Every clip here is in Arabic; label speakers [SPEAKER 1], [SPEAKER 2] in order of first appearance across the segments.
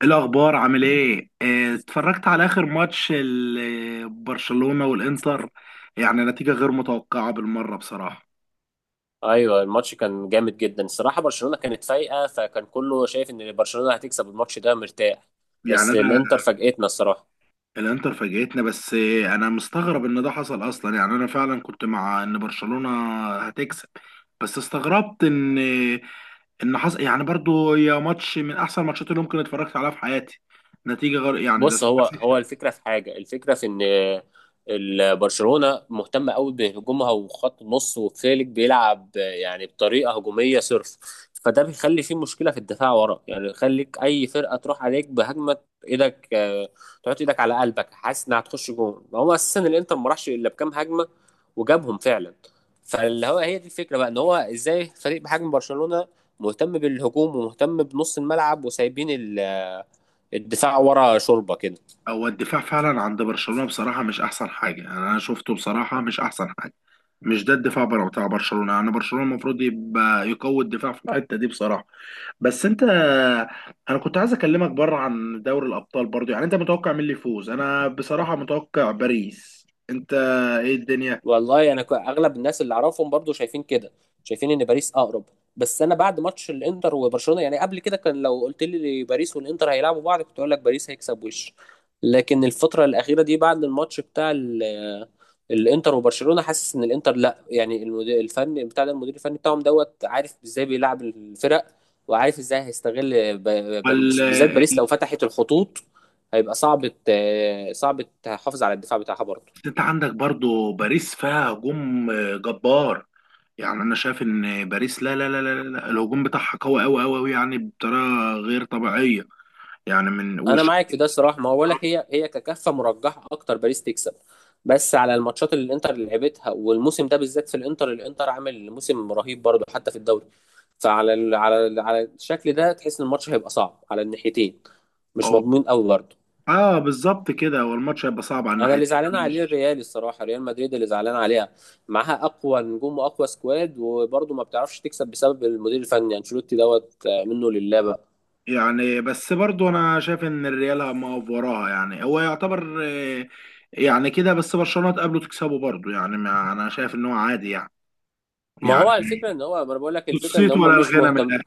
[SPEAKER 1] إيه الاخبار، عامل ايه؟ اتفرجت على اخر ماتش برشلونة والانتر. يعني نتيجة غير متوقعة بالمرة بصراحة.
[SPEAKER 2] ايوه، الماتش كان جامد جدا الصراحه. برشلونه كانت فايقه فكان كله شايف ان برشلونه هتكسب الماتش ده مرتاح.
[SPEAKER 1] يعني
[SPEAKER 2] بس
[SPEAKER 1] انا.
[SPEAKER 2] الانتر فاجئتنا الصراحه.
[SPEAKER 1] الانتر فاجئتنا بس، انا مستغرب ان ده حصل اصلا. يعني انا فعلا كنت مع ان برشلونة هتكسب. بس استغربت ان حصل. يعني برضو يا ماتش من احسن ماتشات اللي ممكن اتفرجت عليها في حياتي. نتيجة غير يعني ده
[SPEAKER 2] بص، هو
[SPEAKER 1] 7.
[SPEAKER 2] الفكره في حاجه، الفكره في ان برشلونه مهتمه قوي بهجومها وخط النص، وفيليك بيلعب يعني بطريقه هجوميه صرف. فده بيخلي فيه مشكله في الدفاع ورا، يعني يخليك اي فرقه تروح عليك بهجمه. ايدك آه، تحط ايدك على قلبك حاسس انها هتخش جون. هو اساسا الانتر ما راحش الا بكام هجمه وجابهم فعلا. فاللي هو هي دي الفكره بقى، ان هو ازاي فريق بحجم برشلونه مهتم بالهجوم ومهتم بنص الملعب، وسايبين الدفاع ورا شوربه كده.
[SPEAKER 1] هو الدفاع فعلا عند برشلونة بصراحة مش أحسن حاجة، يعني أنا شفته بصراحة مش أحسن حاجة. مش ده الدفاع بتاع برشلونة. يعني برشلونة المفروض يبقى يقوي الدفاع في الحتة دي بصراحة. بس أنت، أنا كنت عايز أكلمك بره عن دوري الأبطال برضو. يعني أنت متوقع مين اللي يفوز؟ أنا بصراحة متوقع باريس، أنت إيه؟
[SPEAKER 2] والله انا اغلب الناس اللي اعرفهم برضو شايفين كده، شايفين ان باريس اقرب. بس انا بعد ماتش الانتر وبرشلونه، يعني قبل كده كان لو قلت لي باريس والانتر هيلعبوا بعض كنت اقول لك باريس هيكسب وش. لكن الفتره الاخيره دي بعد الماتش بتاع الانتر وبرشلونه، حاسس ان الانتر لا، يعني المدير الفني بتاع ده، المدير الفني بتاعهم دوت، عارف ازاي بيلعب الفرق، وعارف ازاي هيستغل باريس. بالذات
[SPEAKER 1] الدنيا.
[SPEAKER 2] باريس لو فتحت الخطوط هيبقى صعب تحافظ على الدفاع بتاعها برضه.
[SPEAKER 1] بس انت عندك برضو باريس فيها هجوم جبار. يعني انا شايف ان باريس، لا لا لا لا لا، الهجوم بتاعها قوي قوي قوي قوي، يعني بطريقه غير طبيعيه. يعني من
[SPEAKER 2] انا
[SPEAKER 1] وش.
[SPEAKER 2] معاك في ده الصراحه، ما هو بقول لك هي هي ككفه مرجحه اكتر باريس تكسب. بس على الماتشات اللي الانتر اللي لعبتها، والموسم ده بالذات في الانتر، الانتر عامل موسم رهيب برضه حتى في الدوري. فعلى ال على ال على الشكل ده تحس ان الماتش هيبقى صعب على الناحيتين، مش
[SPEAKER 1] اه،
[SPEAKER 2] مضمون قوي برضه.
[SPEAKER 1] اه بالظبط كده، هو الماتش هيبقى صعب على
[SPEAKER 2] انا اللي
[SPEAKER 1] الناحيتين.
[SPEAKER 2] زعلان عليه
[SPEAKER 1] مش-
[SPEAKER 2] الريال الصراحه، ريال مدريد اللي زعلان عليها. معاها اقوى نجوم واقوى سكواد وبرضه ما بتعرفش تكسب بسبب المدير الفني انشيلوتي دوت، منه لله بقى.
[SPEAKER 1] يعني بس برضو انا شايف ان الريال ما وراها، يعني هو يعتبر يعني كده. بس برشلونه تقابله تكسبه برضو، يعني ما انا شايف ان هو عادي. يعني
[SPEAKER 2] ما
[SPEAKER 1] يعني
[SPEAKER 2] هو الفكره ان هو، ما انا بقول لك الفكره ان
[SPEAKER 1] نصيت ولا
[SPEAKER 2] هم مش
[SPEAKER 1] الغنى من
[SPEAKER 2] مهتم.
[SPEAKER 1] الاخر.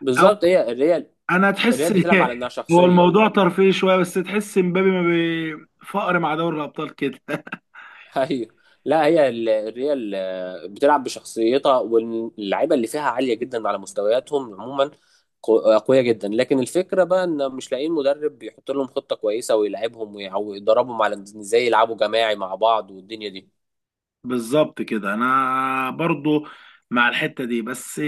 [SPEAKER 2] بالظبط، هي
[SPEAKER 1] انا
[SPEAKER 2] الريال
[SPEAKER 1] تحس
[SPEAKER 2] بتلعب على انها
[SPEAKER 1] هو
[SPEAKER 2] شخصيه.
[SPEAKER 1] الموضوع ترفيهي شويه، بس تحس مبابي ما بفقر مع دوري الابطال كده.
[SPEAKER 2] ايوه. لا، هي الريال بتلعب بشخصيتها، واللعيبه اللي فيها عاليه جدا على مستوياتهم عموما، قويه جدا. لكن الفكره بقى ان مش لاقيين مدرب يحط لهم خطه كويسه ويلعبهم ويدربهم على إن ازاي يلعبوا جماعي مع بعض والدنيا دي.
[SPEAKER 1] بالظبط كده انا برضو مع الحته دي. بس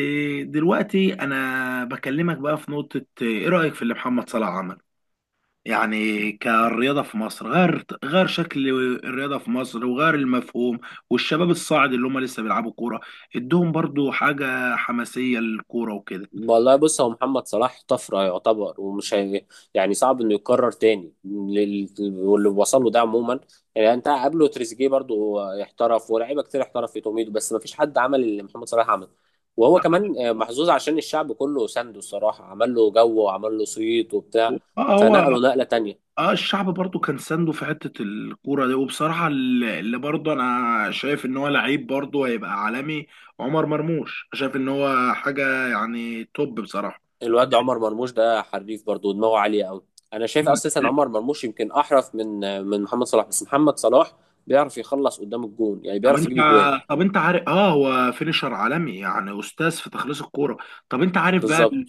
[SPEAKER 1] دلوقتي انا بكلمك بقى في نقطه، ايه رايك في اللي محمد صلاح عمل؟ يعني كالرياضه في مصر، غير شكل الرياضه في مصر وغير المفهوم، والشباب الصاعد اللي هم لسه بيلعبوا كوره ادهم برضو حاجه حماسيه للكوره وكده.
[SPEAKER 2] والله بص، هو محمد صلاح طفرة يعتبر ومش هي، يعني صعب انه يتكرر تاني واللي وصل له ده عموما. يعني انت قبله تريزيجيه برضو احترف، ولاعيبه كتير احترف في توميدو، بس ما فيش حد عمل اللي محمد صلاح عمله. وهو كمان محظوظ عشان الشعب كله سنده الصراحة، عمل له جو وعمل له صيت وبتاع،
[SPEAKER 1] اه، هو
[SPEAKER 2] فنقله نقلة تانية.
[SPEAKER 1] اه. الشعب برضو كان سانده في حتة الكورة دي، وبصراحة اللي برضو انا شايف ان هو لعيب برضو هيبقى عالمي. عمر مرموش شايف ان هو حاجة يعني توب بصراحة.
[SPEAKER 2] الواد عمر مرموش ده حريف برضو، دماغه عالية قوي. انا شايف
[SPEAKER 1] مم.
[SPEAKER 2] اساسا
[SPEAKER 1] لا،
[SPEAKER 2] عمر مرموش يمكن احرف من محمد صلاح، بس محمد صلاح بيعرف يخلص قدام الجون، يعني
[SPEAKER 1] طب
[SPEAKER 2] بيعرف
[SPEAKER 1] انت
[SPEAKER 2] يجيب جوان.
[SPEAKER 1] طب انت عارف، اه هو فينيشر عالمي، يعني استاذ في تخليص الكورة. طب انت عارف بقى
[SPEAKER 2] بالظبط.
[SPEAKER 1] ال-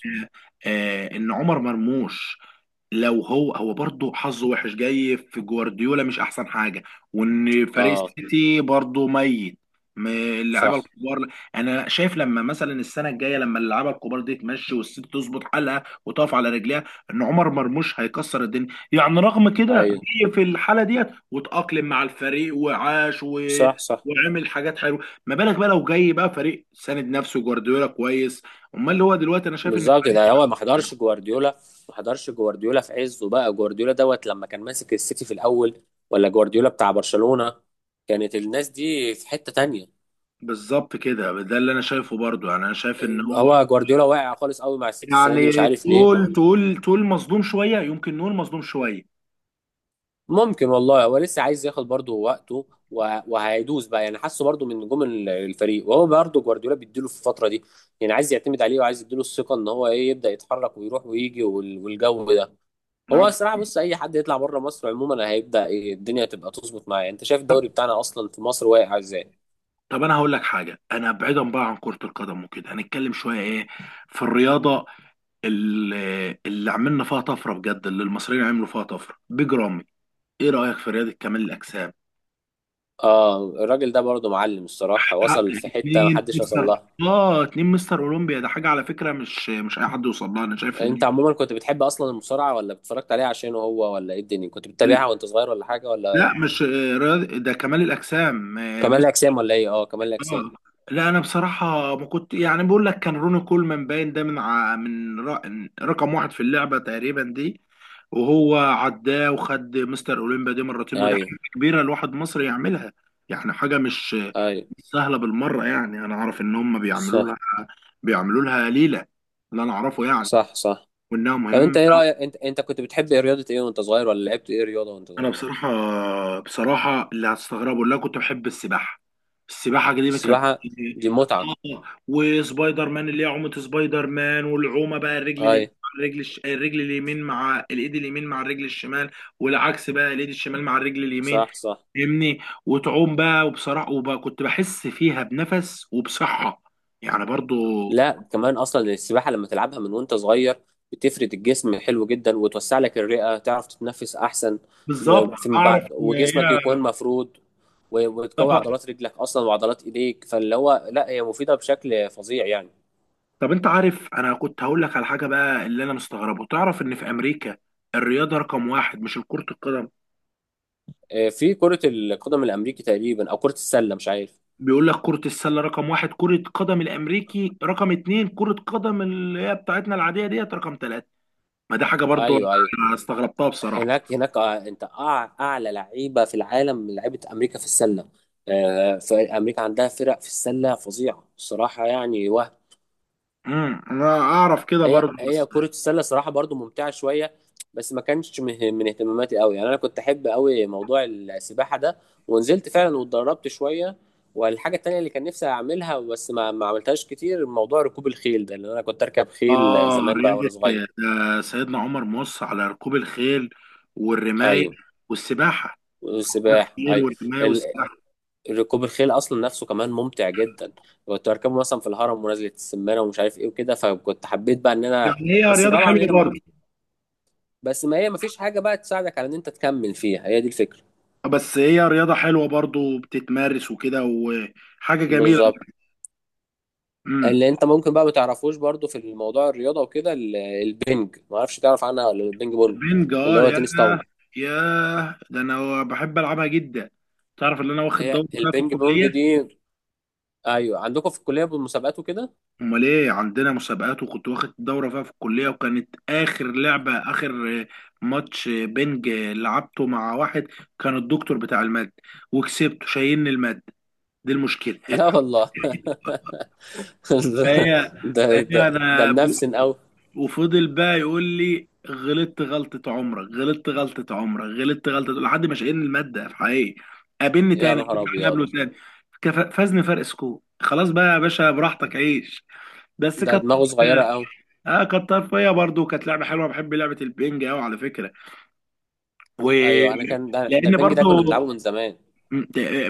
[SPEAKER 1] آه ان عمر مرموش لو هو برضه حظه وحش جاي في جوارديولا، مش احسن حاجه، وان فريق
[SPEAKER 2] اه.
[SPEAKER 1] السيتي برضه ميت. اللعيبه
[SPEAKER 2] صح.
[SPEAKER 1] الكبار، انا شايف لما مثلا السنه الجايه لما اللعيبه الكبار دي تمشي والسيتي تظبط حالها وتقف على رجليها، ان عمر مرموش هيكسر الدنيا، يعني رغم كده
[SPEAKER 2] ايوه.
[SPEAKER 1] جه في الحاله ديت وتأقلم مع الفريق وعاش.
[SPEAKER 2] صح صح.
[SPEAKER 1] وعمل حاجات حلوه. ما بالك بقى لو جاي بقى فريق ساند نفسه جوارديولا كويس؟ امال اللي هو دلوقتي انا شايف.
[SPEAKER 2] بالظبط. ده هو ما حضرش جوارديولا، ما حضرش جوارديولا في عزه بقى، جوارديولا دوت لما كان ماسك السيتي في الاول، ولا جوارديولا بتاع برشلونة. كانت الناس دي في حتة تانية.
[SPEAKER 1] بالظبط كده، ده اللي انا شايفه برضو، يعني انا شايف ان هو
[SPEAKER 2] هو جوارديولا واقع خالص قوي مع السيتي السنة دي، مش
[SPEAKER 1] يعني
[SPEAKER 2] عارف ليه.
[SPEAKER 1] تقول مظلوم شويه، يمكن نقول مظلوم شويه.
[SPEAKER 2] ممكن والله، هو لسه عايز ياخد برضه وقته وهيدوس بقى، يعني حاسه برضه من نجوم الفريق، وهو برضه جوارديولا بيديله في الفترة دي. يعني عايز يعتمد عليه وعايز يديله الثقة ان هو ايه، يبدأ يتحرك ويروح ويجي والجو ده.
[SPEAKER 1] نعم.
[SPEAKER 2] هو الصراحه بص، اي حد يطلع بره مصر عموما هيبدا ايه الدنيا تبقى تظبط معاه. انت شايف الدوري بتاعنا اصلا في مصر واقع ازاي.
[SPEAKER 1] طب انا هقول لك حاجه، انا بعيدا بقى عن كره القدم وكده، هنتكلم شويه ايه في الرياضه اللي, اللي عملنا فيها طفره بجد، اللي المصريين عملوا فيها طفره، بيج رامي. ايه رايك في رياضه كمال الاجسام؟
[SPEAKER 2] اه، الراجل ده برضه معلم الصراحه،
[SPEAKER 1] حقق
[SPEAKER 2] وصل في حته
[SPEAKER 1] اتنين
[SPEAKER 2] محدش وصل
[SPEAKER 1] مستر،
[SPEAKER 2] لها.
[SPEAKER 1] اه اتنين مستر اولمبيا. ده حاجه على فكره، مش اي حد يوصل لها. انا شايف ان
[SPEAKER 2] انت عموما كنت بتحب اصلا المصارعه ولا اتفرجت عليها عشانه هو، ولا ايه الدنيا؟ كنت
[SPEAKER 1] ال-
[SPEAKER 2] بتتابعها وانت صغير ولا حاجه ولا؟
[SPEAKER 1] لا مش ده كمال الاجسام.
[SPEAKER 2] كمال الاجسام ولا ايه؟ اه كمال الاجسام.
[SPEAKER 1] آه. لا انا بصراحه ما كنت، يعني بقول لك كان روني كولمان باين ده من ع... من ر... رقم واحد في اللعبه تقريبا دي، وهو عداه وخد مستر اولمبيا دي مرتين، ودي
[SPEAKER 2] ايوه
[SPEAKER 1] حاجه كبيره الواحد مصري يعملها. يعني حاجه مش
[SPEAKER 2] ايوه.
[SPEAKER 1] مش سهله بالمره. يعني انا اعرف ان هم بيعملوا
[SPEAKER 2] صح
[SPEAKER 1] لها بيعملوا لها ليله، اللي انا اعرفه يعني،
[SPEAKER 2] صح صح.
[SPEAKER 1] وانها
[SPEAKER 2] طب انت
[SPEAKER 1] مهمه.
[SPEAKER 2] ايه رايك، انت انت كنت بتحب ايه، رياضه ايه وانت صغير، ولا لعبت ايه رياضه وانت
[SPEAKER 1] انا
[SPEAKER 2] صغير؟
[SPEAKER 1] بصراحه اللي هتستغربوا، اللي انا كنت بحب السباحه. السباحه دي كانت
[SPEAKER 2] السباحه دي متعه.
[SPEAKER 1] اه، وسبايدر مان اللي هي عومه سبايدر مان، والعومه بقى الرجل اليمين
[SPEAKER 2] ايوه.
[SPEAKER 1] مع الرجل اليمين مع الايد اليمين مع الرجل الشمال، والعكس بقى الايد الشمال مع الرجل اليمين،
[SPEAKER 2] صح صح.
[SPEAKER 1] فاهمني؟ وتعوم بقى، وبصراحه وبقى كنت بحس فيها بنفس وبصحه يعني برضو.
[SPEAKER 2] لا كمان اصلا السباحه لما تلعبها من وانت صغير بتفرد الجسم حلو جدا، وتوسع لك الرئه تعرف تتنفس احسن
[SPEAKER 1] بالظبط
[SPEAKER 2] فيما
[SPEAKER 1] اعرف
[SPEAKER 2] بعد،
[SPEAKER 1] ان
[SPEAKER 2] وجسمك
[SPEAKER 1] هي.
[SPEAKER 2] يكون مفرود
[SPEAKER 1] طب
[SPEAKER 2] وتقوي عضلات رجلك اصلا وعضلات ايديك. فاللي هو لا، هي مفيده بشكل فظيع يعني.
[SPEAKER 1] طب انت عارف انا كنت هقول لك على حاجه بقى، اللي انا مستغربه، تعرف ان في امريكا الرياضه رقم واحد مش كره القدم.
[SPEAKER 2] في كره القدم الامريكي تقريبا، او كره السله مش عارف.
[SPEAKER 1] بيقول لك كره السله رقم واحد، كره قدم الامريكي رقم اتنين، كره قدم اللي هي بتاعتنا العاديه ديت رقم تلاته. ما دي حاجه برضو
[SPEAKER 2] ايوه ايوه.
[SPEAKER 1] انا استغربتها بصراحه.
[SPEAKER 2] هناك، انت اعلى لعيبه في العالم من لعيبه امريكا في السله. فامريكا عندها فرق في السله فظيعه الصراحه يعني، وهم.
[SPEAKER 1] انا اعرف كده
[SPEAKER 2] هي
[SPEAKER 1] برضو. بس
[SPEAKER 2] هي كرة السلة صراحة برضو ممتعة شوية، بس ما كانش من اهتماماتي قوي، يعني انا كنت احب قوي موضوع السباحة ده، ونزلت فعلا واتدربت شوية. والحاجة التانية اللي كان نفسي اعملها بس ما عملتهاش كتير، موضوع ركوب الخيل ده، لان انا كنت اركب خيل
[SPEAKER 1] اه
[SPEAKER 2] زمان بقى
[SPEAKER 1] رياضه،
[SPEAKER 2] وانا صغير.
[SPEAKER 1] سيدنا عمر مص على ركوب الخيل والرمايه
[SPEAKER 2] ايوه.
[SPEAKER 1] والسباحه. ركوب
[SPEAKER 2] والسباحة،
[SPEAKER 1] الخيل
[SPEAKER 2] ايوه.
[SPEAKER 1] والرمايه
[SPEAKER 2] ال-
[SPEAKER 1] والسباحه،
[SPEAKER 2] ركوب الخيل اصلا نفسه كمان ممتع جدا. كنت اركبه مثلا في الهرم ونزلة السمانة، ومش عارف ايه وكده، فكنت حبيت بقى ان انا،
[SPEAKER 1] يعني هي
[SPEAKER 2] بس
[SPEAKER 1] رياضه
[SPEAKER 2] طبعا
[SPEAKER 1] حلوه
[SPEAKER 2] هنا
[SPEAKER 1] برضو.
[SPEAKER 2] بس ما هي مفيش حاجة بقى تساعدك على ان انت تكمل فيها، هي دي الفكرة.
[SPEAKER 1] بس هي رياضة حلوة برضو، بتتمارس وكده وحاجة جميلة.
[SPEAKER 2] بالظبط.
[SPEAKER 1] امم
[SPEAKER 2] اللي انت ممكن بقى ما تعرفوش برضو في الموضوع الرياضة وكده، البنج، ما اعرفش تعرف عنها ولا، البنج بونج،
[SPEAKER 1] البنج؟
[SPEAKER 2] اللي
[SPEAKER 1] اه
[SPEAKER 2] هو
[SPEAKER 1] يا
[SPEAKER 2] تنس طاولة.
[SPEAKER 1] يا ده انا بحب العبها جدا. تعرف ان انا واخد
[SPEAKER 2] هي
[SPEAKER 1] دورة فيها في
[SPEAKER 2] البنج
[SPEAKER 1] الكلية؟
[SPEAKER 2] بونج دي؟ ايوه عندكم في الكلية بالمسابقات وكده.
[SPEAKER 1] امال ايه، عندنا مسابقات، وكنت واخد دورة فيها في الكلية، وكانت اخر لعبة، اخر ماتش بنج لعبته مع واحد كان الدكتور بتاع المادة، وكسبته. شايلني المادة، دي المشكلة.
[SPEAKER 2] لا والله ده
[SPEAKER 1] فهي
[SPEAKER 2] ده ده,
[SPEAKER 1] فهي
[SPEAKER 2] ده
[SPEAKER 1] انا،
[SPEAKER 2] منفسن قوي.
[SPEAKER 1] وفضل بقى يقول لي غلطت غلطة عمرك، غلطت غلطة عمرك، غلطت غلطة، لحد ما شقينا المادة في حقيقي. قابلني
[SPEAKER 2] يا
[SPEAKER 1] تاني،
[SPEAKER 2] نهار
[SPEAKER 1] قابلني تاني،
[SPEAKER 2] ابيض.
[SPEAKER 1] قابله تاني. فازني فرق سكور. خلاص بقى يا باشا، براحتك عيش. بس
[SPEAKER 2] ده
[SPEAKER 1] كانت
[SPEAKER 2] دماغه
[SPEAKER 1] طرفية.
[SPEAKER 2] صغيرة قوي.
[SPEAKER 1] اه كانت طرفية برضه، كانت لعبة حلوة، بحب لعبة البينج قوي على فكرة. و
[SPEAKER 2] ايوه، انا كان ده
[SPEAKER 1] لأن
[SPEAKER 2] البنج ده
[SPEAKER 1] برضه
[SPEAKER 2] كنا بنلعبه من زمان.
[SPEAKER 1] م-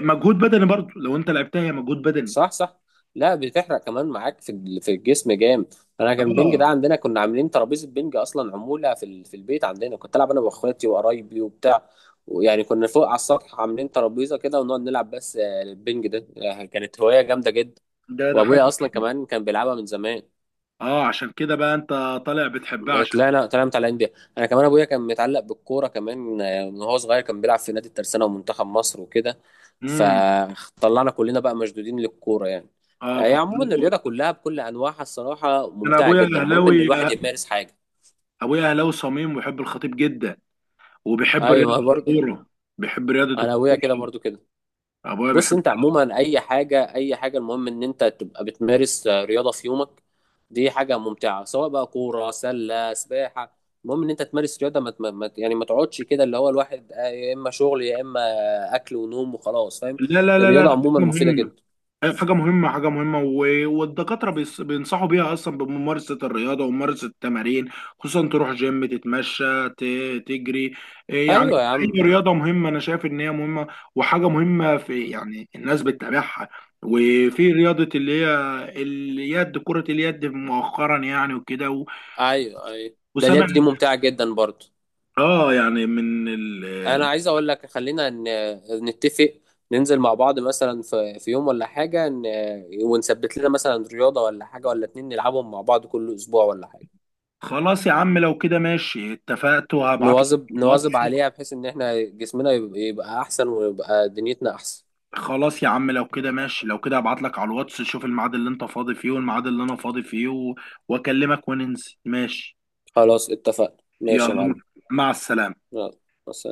[SPEAKER 1] مجهود بدني. برضه لو أنت لعبتها هي مجهود بدني.
[SPEAKER 2] صح صح. لا بتحرق كمان معاك في في الجسم جامد. انا كان البنج
[SPEAKER 1] اه،
[SPEAKER 2] ده عندنا، كنا عاملين ترابيزه بنج اصلا عموله في في البيت عندنا، كنت العب انا واخواتي وقرايبي وبتاع. ويعني كنا فوق على السطح عاملين ترابيزه كده ونقعد نلعب. بس البنج ده كانت هوايه جامده جدا.
[SPEAKER 1] ده حاجة.
[SPEAKER 2] وابويا اصلا كمان كان بيلعبها من زمان.
[SPEAKER 1] اه، عشان كده بقى أنت طالع بتحبها عشان كده.
[SPEAKER 2] طلعنا متعلقين بيها. انا كمان ابويا كان متعلق بالكوره كمان، من وهو صغير كان بيلعب في نادي الترسانه ومنتخب مصر وكده،
[SPEAKER 1] امم
[SPEAKER 2] فطلعنا كلنا بقى مشدودين للكوره يعني.
[SPEAKER 1] اه
[SPEAKER 2] هي عموما
[SPEAKER 1] فكلكم،
[SPEAKER 2] الرياضه كلها بكل انواعها الصراحه
[SPEAKER 1] انا
[SPEAKER 2] ممتعه
[SPEAKER 1] ابويا
[SPEAKER 2] جدا، المهم ان
[SPEAKER 1] اهلاوي.
[SPEAKER 2] الواحد يمارس حاجه.
[SPEAKER 1] ابويا اهلاوي صميم، ويحب الخطيب جدا، وبيحب رياضه
[SPEAKER 2] ايوه برضه.
[SPEAKER 1] الكوره. بيحب رياضه
[SPEAKER 2] انا ابويا كده
[SPEAKER 1] الكوره،
[SPEAKER 2] برضه كده.
[SPEAKER 1] ابويا
[SPEAKER 2] بص،
[SPEAKER 1] بيحب.
[SPEAKER 2] انت عموما اي حاجه، اي حاجه، المهم ان انت تبقى بتمارس رياضه في يومك. دي حاجه ممتعه، سواء بقى كوره، سله، سباحه، المهم ان انت تمارس رياضه. يعني ما تقعدش كده، اللي هو الواحد يا اما شغل، يا اما اكل ونوم وخلاص، فاهم؟
[SPEAKER 1] لا لا لا لا،
[SPEAKER 2] الرياضه
[SPEAKER 1] ده حاجه
[SPEAKER 2] عموما مفيده
[SPEAKER 1] مهمه.
[SPEAKER 2] جدا.
[SPEAKER 1] أيوة، حاجه مهمه، حاجه مهمه، والدكاتره بينصحوا بيها اصلا، بممارسه الرياضه وممارسه التمارين. خصوصا تروح جيم، تتمشى، تجري، إيه
[SPEAKER 2] ايوه
[SPEAKER 1] يعني.
[SPEAKER 2] يا عم.
[SPEAKER 1] اي رياضه مهمه، انا شايف ان هي مهمه. وحاجه مهمه في، يعني الناس بتتابعها، وفي رياضه اللي هي اليد، كره اليد مؤخرا يعني وكده.
[SPEAKER 2] ايوه ايوه، ده اليد
[SPEAKER 1] وسامع
[SPEAKER 2] دي ممتعه جدا برضه.
[SPEAKER 1] اه، يعني
[SPEAKER 2] انا عايز اقول لك، خلينا نتفق، ننزل مع بعض مثلا في يوم ولا حاجه، ونثبت لنا مثلا رياضه ولا حاجه ولا اتنين نلعبهم مع بعض كل اسبوع ولا حاجه،
[SPEAKER 1] خلاص يا عم لو كده ماشي، اتفقت وهبعت لك
[SPEAKER 2] نواظب
[SPEAKER 1] على
[SPEAKER 2] نواظب
[SPEAKER 1] الواتس.
[SPEAKER 2] عليها بحيث ان احنا جسمنا يبقى احسن ويبقى دنيتنا احسن.
[SPEAKER 1] خلاص يا عم لو كده ماشي، لو كده هبعت لك على الواتس، شوف الميعاد اللي انت فاضي فيه والميعاد اللي انا فاضي فيه واكلمك وننزل، ماشي.
[SPEAKER 2] خلاص اتفقنا، ماشي يا
[SPEAKER 1] يلا،
[SPEAKER 2] معلم.
[SPEAKER 1] مع السلامة.
[SPEAKER 2] يلا. بس.